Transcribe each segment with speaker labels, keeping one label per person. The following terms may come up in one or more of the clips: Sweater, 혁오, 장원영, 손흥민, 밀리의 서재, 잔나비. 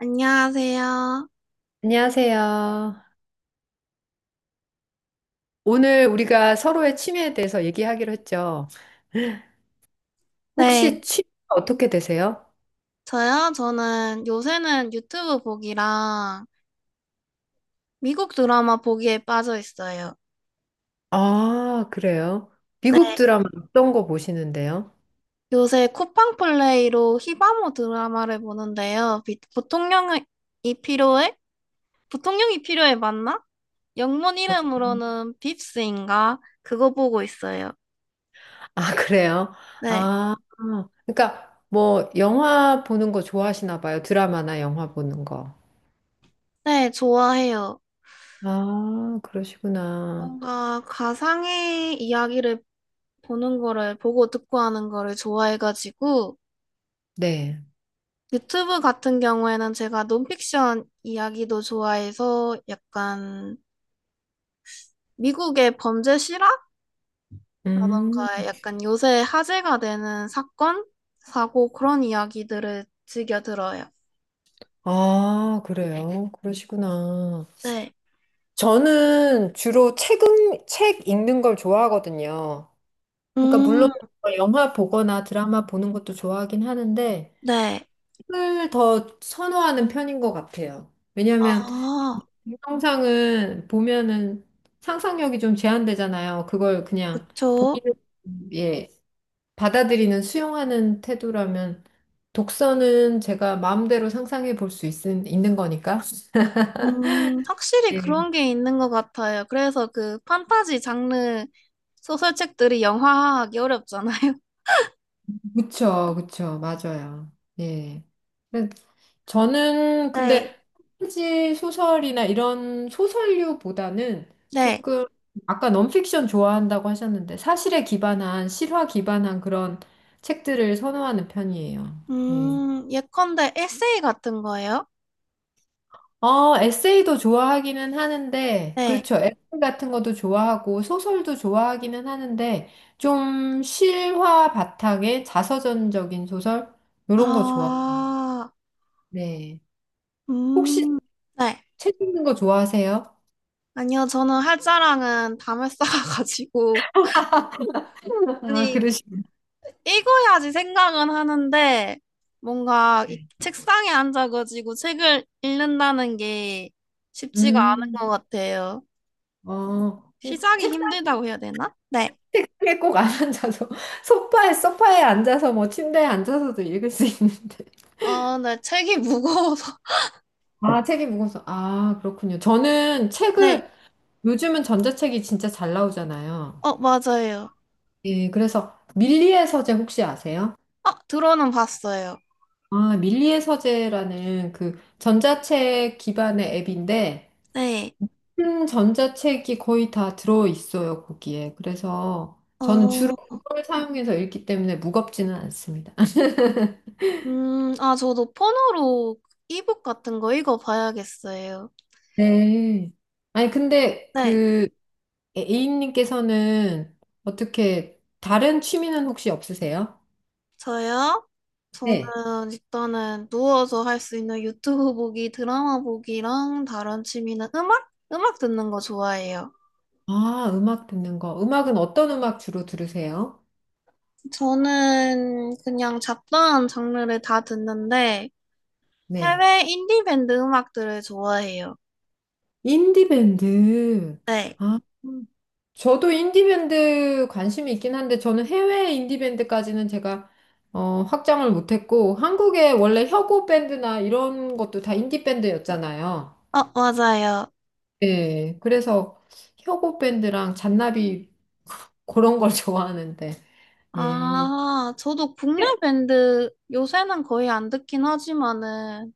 Speaker 1: 안녕하세요.
Speaker 2: 안녕하세요. 오늘 우리가 서로의 취미에 대해서 얘기하기로 했죠.
Speaker 1: 네,
Speaker 2: 혹시 취미가 어떻게 되세요?
Speaker 1: 저요? 저는 요새는 유튜브 보기랑 미국 드라마 보기에 빠져 있어요.
Speaker 2: 아, 그래요.
Speaker 1: 네,
Speaker 2: 미국 드라마 어떤 거 보시는데요?
Speaker 1: 요새 쿠팡 플레이로 히바모 드라마를 보는데요. 부통령이 필요해? 부통령이 필요해 맞나? 영문 이름으로는 빕스인가? 그거 보고 있어요.
Speaker 2: 아, 그래요?
Speaker 1: 네,
Speaker 2: 아, 그러니까 뭐 영화 보는 거 좋아하시나 봐요. 드라마나 영화 보는 거.
Speaker 1: 네, 좋아해요.
Speaker 2: 아, 그러시구나.
Speaker 1: 뭔가 가상의 이야기를 보는 거를 보고 듣고 하는 거를 좋아해가지고
Speaker 2: 네.
Speaker 1: 유튜브 같은 경우에는 제가 논픽션 이야기도 좋아해서 약간 미국의 범죄 실화라던가
Speaker 2: 음,
Speaker 1: 약간 요새 화제가 되는 사건, 사고 그런 이야기들을 즐겨 들어요.
Speaker 2: 아, 그래요. 그러시구나.
Speaker 1: 네.
Speaker 2: 저는 주로 책 읽는 걸 좋아하거든요. 그러니까 물론
Speaker 1: 음.
Speaker 2: 뭐 영화 보거나 드라마 보는 것도 좋아하긴 하는데
Speaker 1: 네.
Speaker 2: 책을 더 선호하는 편인 것 같아요. 왜냐하면
Speaker 1: 아,
Speaker 2: 동영상은 보면은 상상력이 좀 제한되잖아요. 그걸 그냥 보
Speaker 1: 그쵸.
Speaker 2: 는예 받아들이는 수용하는 태도라면 독서는 제가 마음대로 상상해 볼 수 있는 거니까.
Speaker 1: 확실히
Speaker 2: 예,
Speaker 1: 그런 게 있는 것 같아요. 그래서 그 판타지 장르 소설책들이 영화화하기 어렵잖아요.
Speaker 2: 그쵸, 그쵸, 맞아요. 예. 저는
Speaker 1: 네.
Speaker 2: 근데 판타지 소설이나 이런 소설류보다는
Speaker 1: 네.
Speaker 2: 조금 아까 넌픽션 좋아한다고 하셨는데 사실에 기반한 실화 기반한 그런 책들을 선호하는 편이에요. 예.
Speaker 1: 예컨대 에세이 같은 거예요?
Speaker 2: 에세이도 좋아하기는 하는데
Speaker 1: 네.
Speaker 2: 그렇죠. 에세이 같은 것도 좋아하고 소설도 좋아하기는 하는데 좀 실화 바탕의 자서전적인 소설 이런 거 좋아.
Speaker 1: 아,
Speaker 2: 네. 혹시
Speaker 1: 음, 네.
Speaker 2: 책 읽는 거 좋아하세요?
Speaker 1: 아니요, 저는 할 자랑은 담을 쌓아가지고,
Speaker 2: 아,
Speaker 1: 아니,
Speaker 2: 그러시군요.
Speaker 1: 읽어야지 생각은 하는데, 뭔가 이 책상에 앉아가지고 책을 읽는다는 게 쉽지가 않은
Speaker 2: 음.
Speaker 1: 것 같아요.
Speaker 2: 어,
Speaker 1: 시작이
Speaker 2: 책상,
Speaker 1: 힘들다고 해야 되나? 네.
Speaker 2: 책상에 꼭 안 앉아서, 소파에 앉아서, 뭐, 침대에 앉아서도 읽을 수 있는데.
Speaker 1: 아, 네, 책이 무거워서.
Speaker 2: 아, 책이 무거워서. 아, 그렇군요. 저는
Speaker 1: 네.
Speaker 2: 책을, 요즘은 전자책이 진짜 잘 나오잖아요.
Speaker 1: 어, 맞아요.
Speaker 2: 예, 그래서 밀리의 서재 혹시 아세요?
Speaker 1: 어, 들어는 봤어요.
Speaker 2: 아, 밀리의 서재라는 그 전자책 기반의 앱인데,
Speaker 1: 네.
Speaker 2: 큰 전자책이 거의 다 들어있어요, 거기에. 그래서 저는 주로
Speaker 1: 어,
Speaker 2: 그걸 사용해서 읽기 때문에 무겁지는 않습니다.
Speaker 1: 아, 저도 폰으로 이북 같은 거 읽어봐야겠어요.
Speaker 2: 네. 아니, 근데
Speaker 1: 네,
Speaker 2: 그 A님께서는 어떻게 다른 취미는 혹시 없으세요?
Speaker 1: 저요? 저는
Speaker 2: 네.
Speaker 1: 일단은 누워서 할 수 있는 유튜브 보기, 드라마 보기랑 다른 취미는 음악? 음악 듣는 거 좋아해요.
Speaker 2: 아, 음악 듣는 거. 음악은 어떤 음악 주로 들으세요?
Speaker 1: 저는 그냥 잡다한 장르를 다 듣는데
Speaker 2: 네.
Speaker 1: 해외 인디밴드 음악들을 좋아해요.
Speaker 2: 인디밴드.
Speaker 1: 네,
Speaker 2: 아, 저도 인디밴드 관심이 있긴 한데 저는 해외 인디밴드까지는 제가 확장을 못했고 한국에 원래 혁오 밴드나 이런 것도 다 인디밴드였잖아요.
Speaker 1: 어, 맞아요.
Speaker 2: 예, 그래서 혁오 밴드랑 잔나비 그런 걸 좋아하는데. 예,
Speaker 1: 아, 저도 국내 밴드 요새는 거의 안 듣긴 하지만은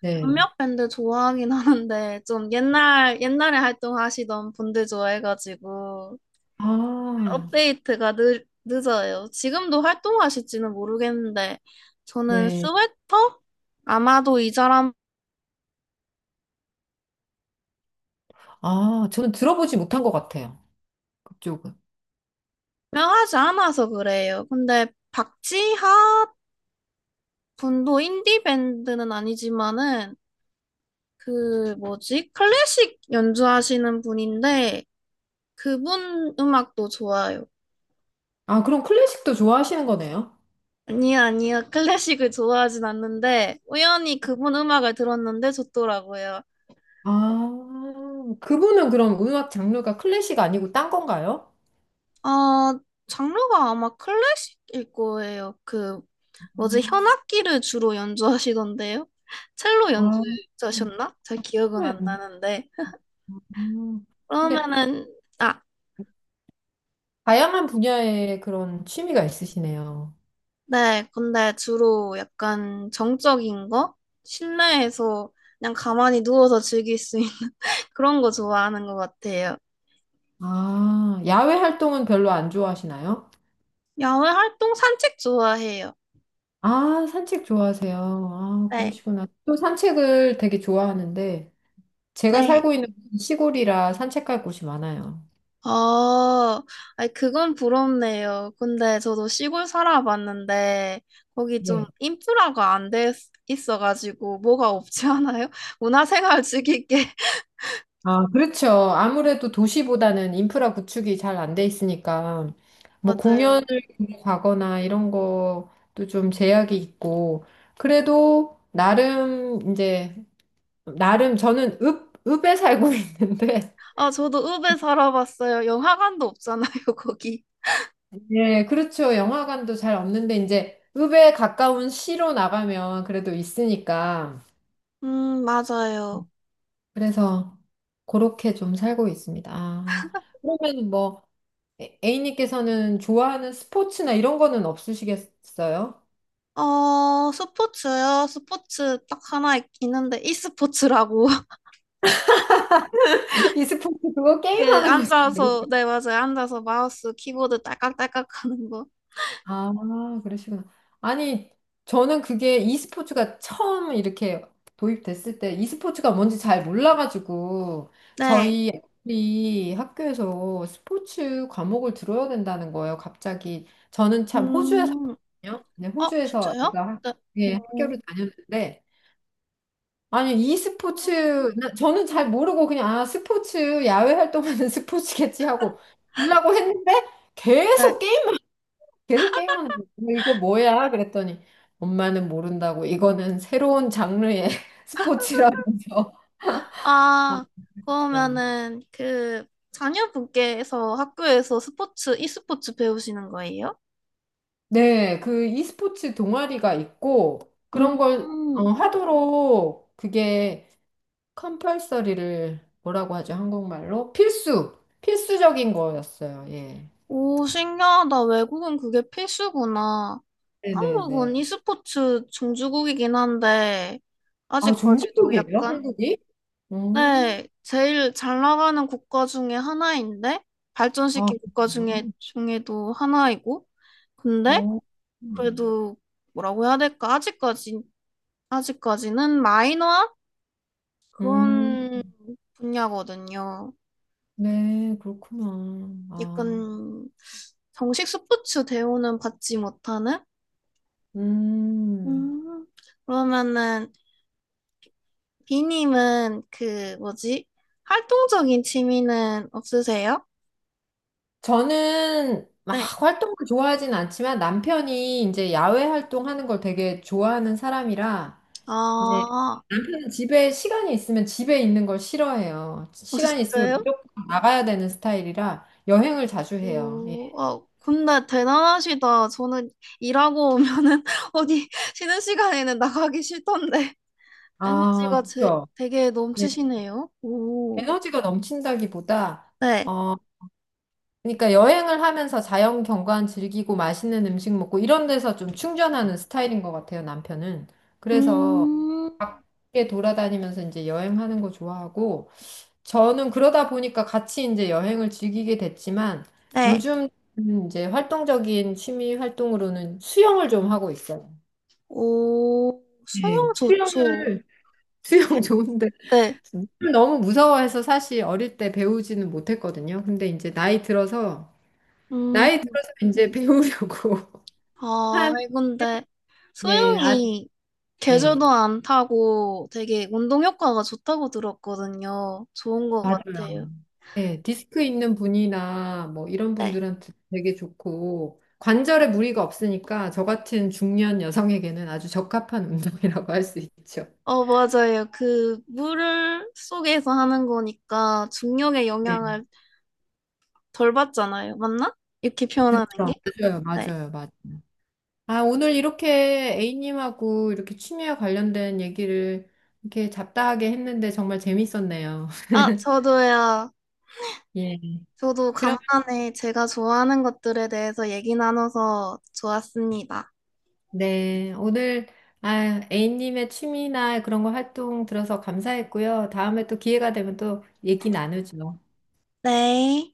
Speaker 2: 네.
Speaker 1: 몇몇 밴드 좋아하긴 하는데 좀 옛날 옛날에 활동하시던 분들 좋아해가지고
Speaker 2: 아,
Speaker 1: 업데이트가 늦어요. 지금도 활동하실지는 모르겠는데 저는
Speaker 2: 네.
Speaker 1: 스웨터 아마도 이 사람
Speaker 2: 아, 저는 들어보지 못한 것 같아요. 그쪽은.
Speaker 1: 유명하지 않아서 그래요. 근데 박지하 분도 인디 밴드는 아니지만은 그 뭐지 클래식 연주하시는 분인데 그분 음악도 좋아요.
Speaker 2: 아, 그럼 클래식도 좋아하시는 거네요?
Speaker 1: 아니요, 아니요. 클래식을 좋아하진 않는데, 우연히 그분 음악을 들었는데 좋더라고요.
Speaker 2: 아, 그분은 그럼 음악 장르가 클래식 아니고 딴 건가요?
Speaker 1: 아, 장르가 아마 클래식일 거예요. 그, 뭐지,
Speaker 2: 음,
Speaker 1: 현악기를 주로 연주하시던데요? 첼로
Speaker 2: 아,
Speaker 1: 연주자셨나? 잘 기억은 안
Speaker 2: 네.
Speaker 1: 나는데.
Speaker 2: 음. 근데
Speaker 1: 그러면은, 아,
Speaker 2: 다양한 분야의 그런 취미가 있으시네요.
Speaker 1: 네. 근데 주로 약간 정적인 거? 실내에서 그냥 가만히 누워서 즐길 수 있는 그런 거 좋아하는 것 같아요.
Speaker 2: 아, 야외 활동은 별로 안 좋아하시나요?
Speaker 1: 야외 활동 산책 좋아해요.
Speaker 2: 아, 산책 좋아하세요. 아,
Speaker 1: 네.
Speaker 2: 그러시구나. 또 산책을 되게 좋아하는데, 제가
Speaker 1: 네.
Speaker 2: 살고 있는 시골이라 산책할 곳이 많아요.
Speaker 1: 아, 아니, 그건 부럽네요. 근데 저도 시골 살아봤는데, 거기 좀
Speaker 2: 네.
Speaker 1: 인프라가 안 돼 있어가지고, 뭐가 없지 않아요? 문화생활 즐기게.
Speaker 2: 아, 그렇죠. 아무래도 도시보다는 인프라 구축이 잘 안 돼 있으니까, 뭐 공연을
Speaker 1: 맞아요.
Speaker 2: 가거나 이런 것도 좀 제약이 있고, 그래도 나름 저는 읍에 살고 있는데,
Speaker 1: 아, 저도 읍에 살아봤어요. 영화관도 없잖아요, 거기.
Speaker 2: 네, 그렇죠. 영화관도 잘 없는데 이제 읍에 가까운 시로 나가면 그래도 있으니까.
Speaker 1: 맞아요.
Speaker 2: 그래서 그렇게 좀 살고 있습니다. 아, 그러면 뭐 A님께서는 좋아하는 스포츠나 이런 거는 없으시겠어요?
Speaker 1: 어, 스포츠요? 스포츠 딱 하나 있는데, e스포츠라고.
Speaker 2: 이 스포츠 그거
Speaker 1: 그,
Speaker 2: 게임하는 거죠.
Speaker 1: 앉아서, 네, 맞아요. 앉아서 마우스, 키보드 딸깍딸깍 하는 거.
Speaker 2: 아, 그러시구나. 아니, 저는 그게 e스포츠가 처음 이렇게 도입됐을 때 e스포츠가 뭔지 잘 몰라가지고
Speaker 1: 네.
Speaker 2: 저희 애들이 학교에서 스포츠 과목을 들어야 된다는 거예요, 갑자기. 저는 참 호주에서
Speaker 1: 음.
Speaker 2: 왔거든요. 네,
Speaker 1: 어,
Speaker 2: 호주에서
Speaker 1: 진짜요?
Speaker 2: 애가 학-
Speaker 1: 네.
Speaker 2: 예,
Speaker 1: 오.
Speaker 2: 학교를 다녔는데 아니, e스포츠
Speaker 1: 음,
Speaker 2: 저는 잘 모르고 그냥 아, 스포츠 야외 활동하는 스포츠겠지 하고 들라고 했는데
Speaker 1: 네.
Speaker 2: 계속 계속 게임만 하는 거야. 이거 뭐야? 그랬더니 엄마는 모른다고 이거는 새로운 장르의 스포츠라면서
Speaker 1: 아,
Speaker 2: 맞아요.
Speaker 1: 그러면은 그 자녀분께서 학교에서 스포츠, e스포츠 배우시는 거예요?
Speaker 2: 네, 그 e스포츠 동아리가 있고
Speaker 1: 음,
Speaker 2: 그런 걸 하도록 그게 컴펄서리를 뭐라고 하죠? 한국말로 필수적인 거였어요. 예.
Speaker 1: 오, 신기하다. 외국은 그게 필수구나.
Speaker 2: 네네네.
Speaker 1: 한국은 e스포츠 종주국이긴 한데,
Speaker 2: 아
Speaker 1: 아직까지도
Speaker 2: 종주국이에요?
Speaker 1: 약간,
Speaker 2: 한국이? 음.
Speaker 1: 네, 제일 잘 나가는 국가 중에 하나인데,
Speaker 2: 아,
Speaker 1: 발전시킨 국가 중에,
Speaker 2: 그래요?
Speaker 1: 중에도 하나이고, 근데,
Speaker 2: 어.
Speaker 1: 그래도 뭐라고 해야 될까? 아직까지, 아직까지는 마이너한
Speaker 2: 음,
Speaker 1: 그런 분야거든요.
Speaker 2: 네, 그렇구나. 아.
Speaker 1: 약간 정식 스포츠 대우는 받지 못하는?
Speaker 2: 음,
Speaker 1: 음, 그러면은 비님은 그 뭐지? 활동적인 취미는 없으세요?
Speaker 2: 저는 막
Speaker 1: 네.
Speaker 2: 활동을 좋아하진 않지만 남편이 이제 야외 활동하는 걸 되게 좋아하는 사람이라 이제
Speaker 1: 아,
Speaker 2: 집에 시간이 있으면 집에 있는 걸 싫어해요.
Speaker 1: 어,
Speaker 2: 시간이 있으면
Speaker 1: 진짜요?
Speaker 2: 무조건 나가야 되는 스타일이라 여행을 자주 해요. 예.
Speaker 1: 오, 어, 근데 대단하시다. 저는 일하고 오면은 어디 쉬는 시간에는 나가기 싫던데.
Speaker 2: 아,
Speaker 1: 에너지가
Speaker 2: 그렇죠.
Speaker 1: 되게
Speaker 2: 예.
Speaker 1: 넘치시네요. 오,
Speaker 2: 에너지가 넘친다기보다
Speaker 1: 네.
Speaker 2: 어, 그러니까 여행을 하면서 자연 경관 즐기고 맛있는 음식 먹고 이런 데서 좀 충전하는 스타일인 것 같아요, 남편은. 그래서
Speaker 1: 음,
Speaker 2: 밖에 돌아다니면서 이제 여행하는 거 좋아하고 저는 그러다 보니까 같이 이제 여행을 즐기게 됐지만
Speaker 1: 네.
Speaker 2: 요즘 이제 활동적인 취미 활동으로는 수영을 좀 하고 있어요.
Speaker 1: 오, 수영
Speaker 2: 네. 수영을
Speaker 1: 좋죠.
Speaker 2: 수영
Speaker 1: 게-
Speaker 2: 좋은데
Speaker 1: 네.
Speaker 2: 물을 너무 무서워해서 사실 어릴 때 배우지는 못했거든요. 근데 이제 나이 들어서
Speaker 1: 음,
Speaker 2: 나이 들어서 이제 배우려고
Speaker 1: 아,
Speaker 2: 한,
Speaker 1: 근데
Speaker 2: 네, 아,
Speaker 1: 수영이
Speaker 2: 네,
Speaker 1: 계절도 안 타고 되게 운동 효과가 좋다고 들었거든요. 좋은 것
Speaker 2: 맞아요.
Speaker 1: 같아요.
Speaker 2: 네, 디스크 있는 분이나 뭐 이런
Speaker 1: 네.
Speaker 2: 분들한테 되게 좋고, 관절에 무리가 없으니까 저 같은 중년 여성에게는 아주 적합한 운동이라고 할 수 있죠.
Speaker 1: 어, 맞아요. 그 물을 속에서 하는 거니까 중력의
Speaker 2: 네,
Speaker 1: 영향을 덜 받잖아요. 맞나? 이렇게 표현하는 게?
Speaker 2: 그렇죠. 맞아요,
Speaker 1: 네.
Speaker 2: 맞아요, 맞아요. 아, 오늘 이렇게 A님하고 이렇게 취미와 관련된 얘기를 이렇게 잡다하게 했는데 정말 재밌었네요.
Speaker 1: 아, 저도요.
Speaker 2: 예.
Speaker 1: 저도
Speaker 2: 그럼
Speaker 1: 간만에 제가 좋아하는 것들에 대해서 얘기 나눠서 좋았습니다.
Speaker 2: 네, 오늘 아, A님의 취미나 그런 거 활동 들어서 감사했고요. 다음에 또 기회가 되면 또 얘기 나누죠.
Speaker 1: 네.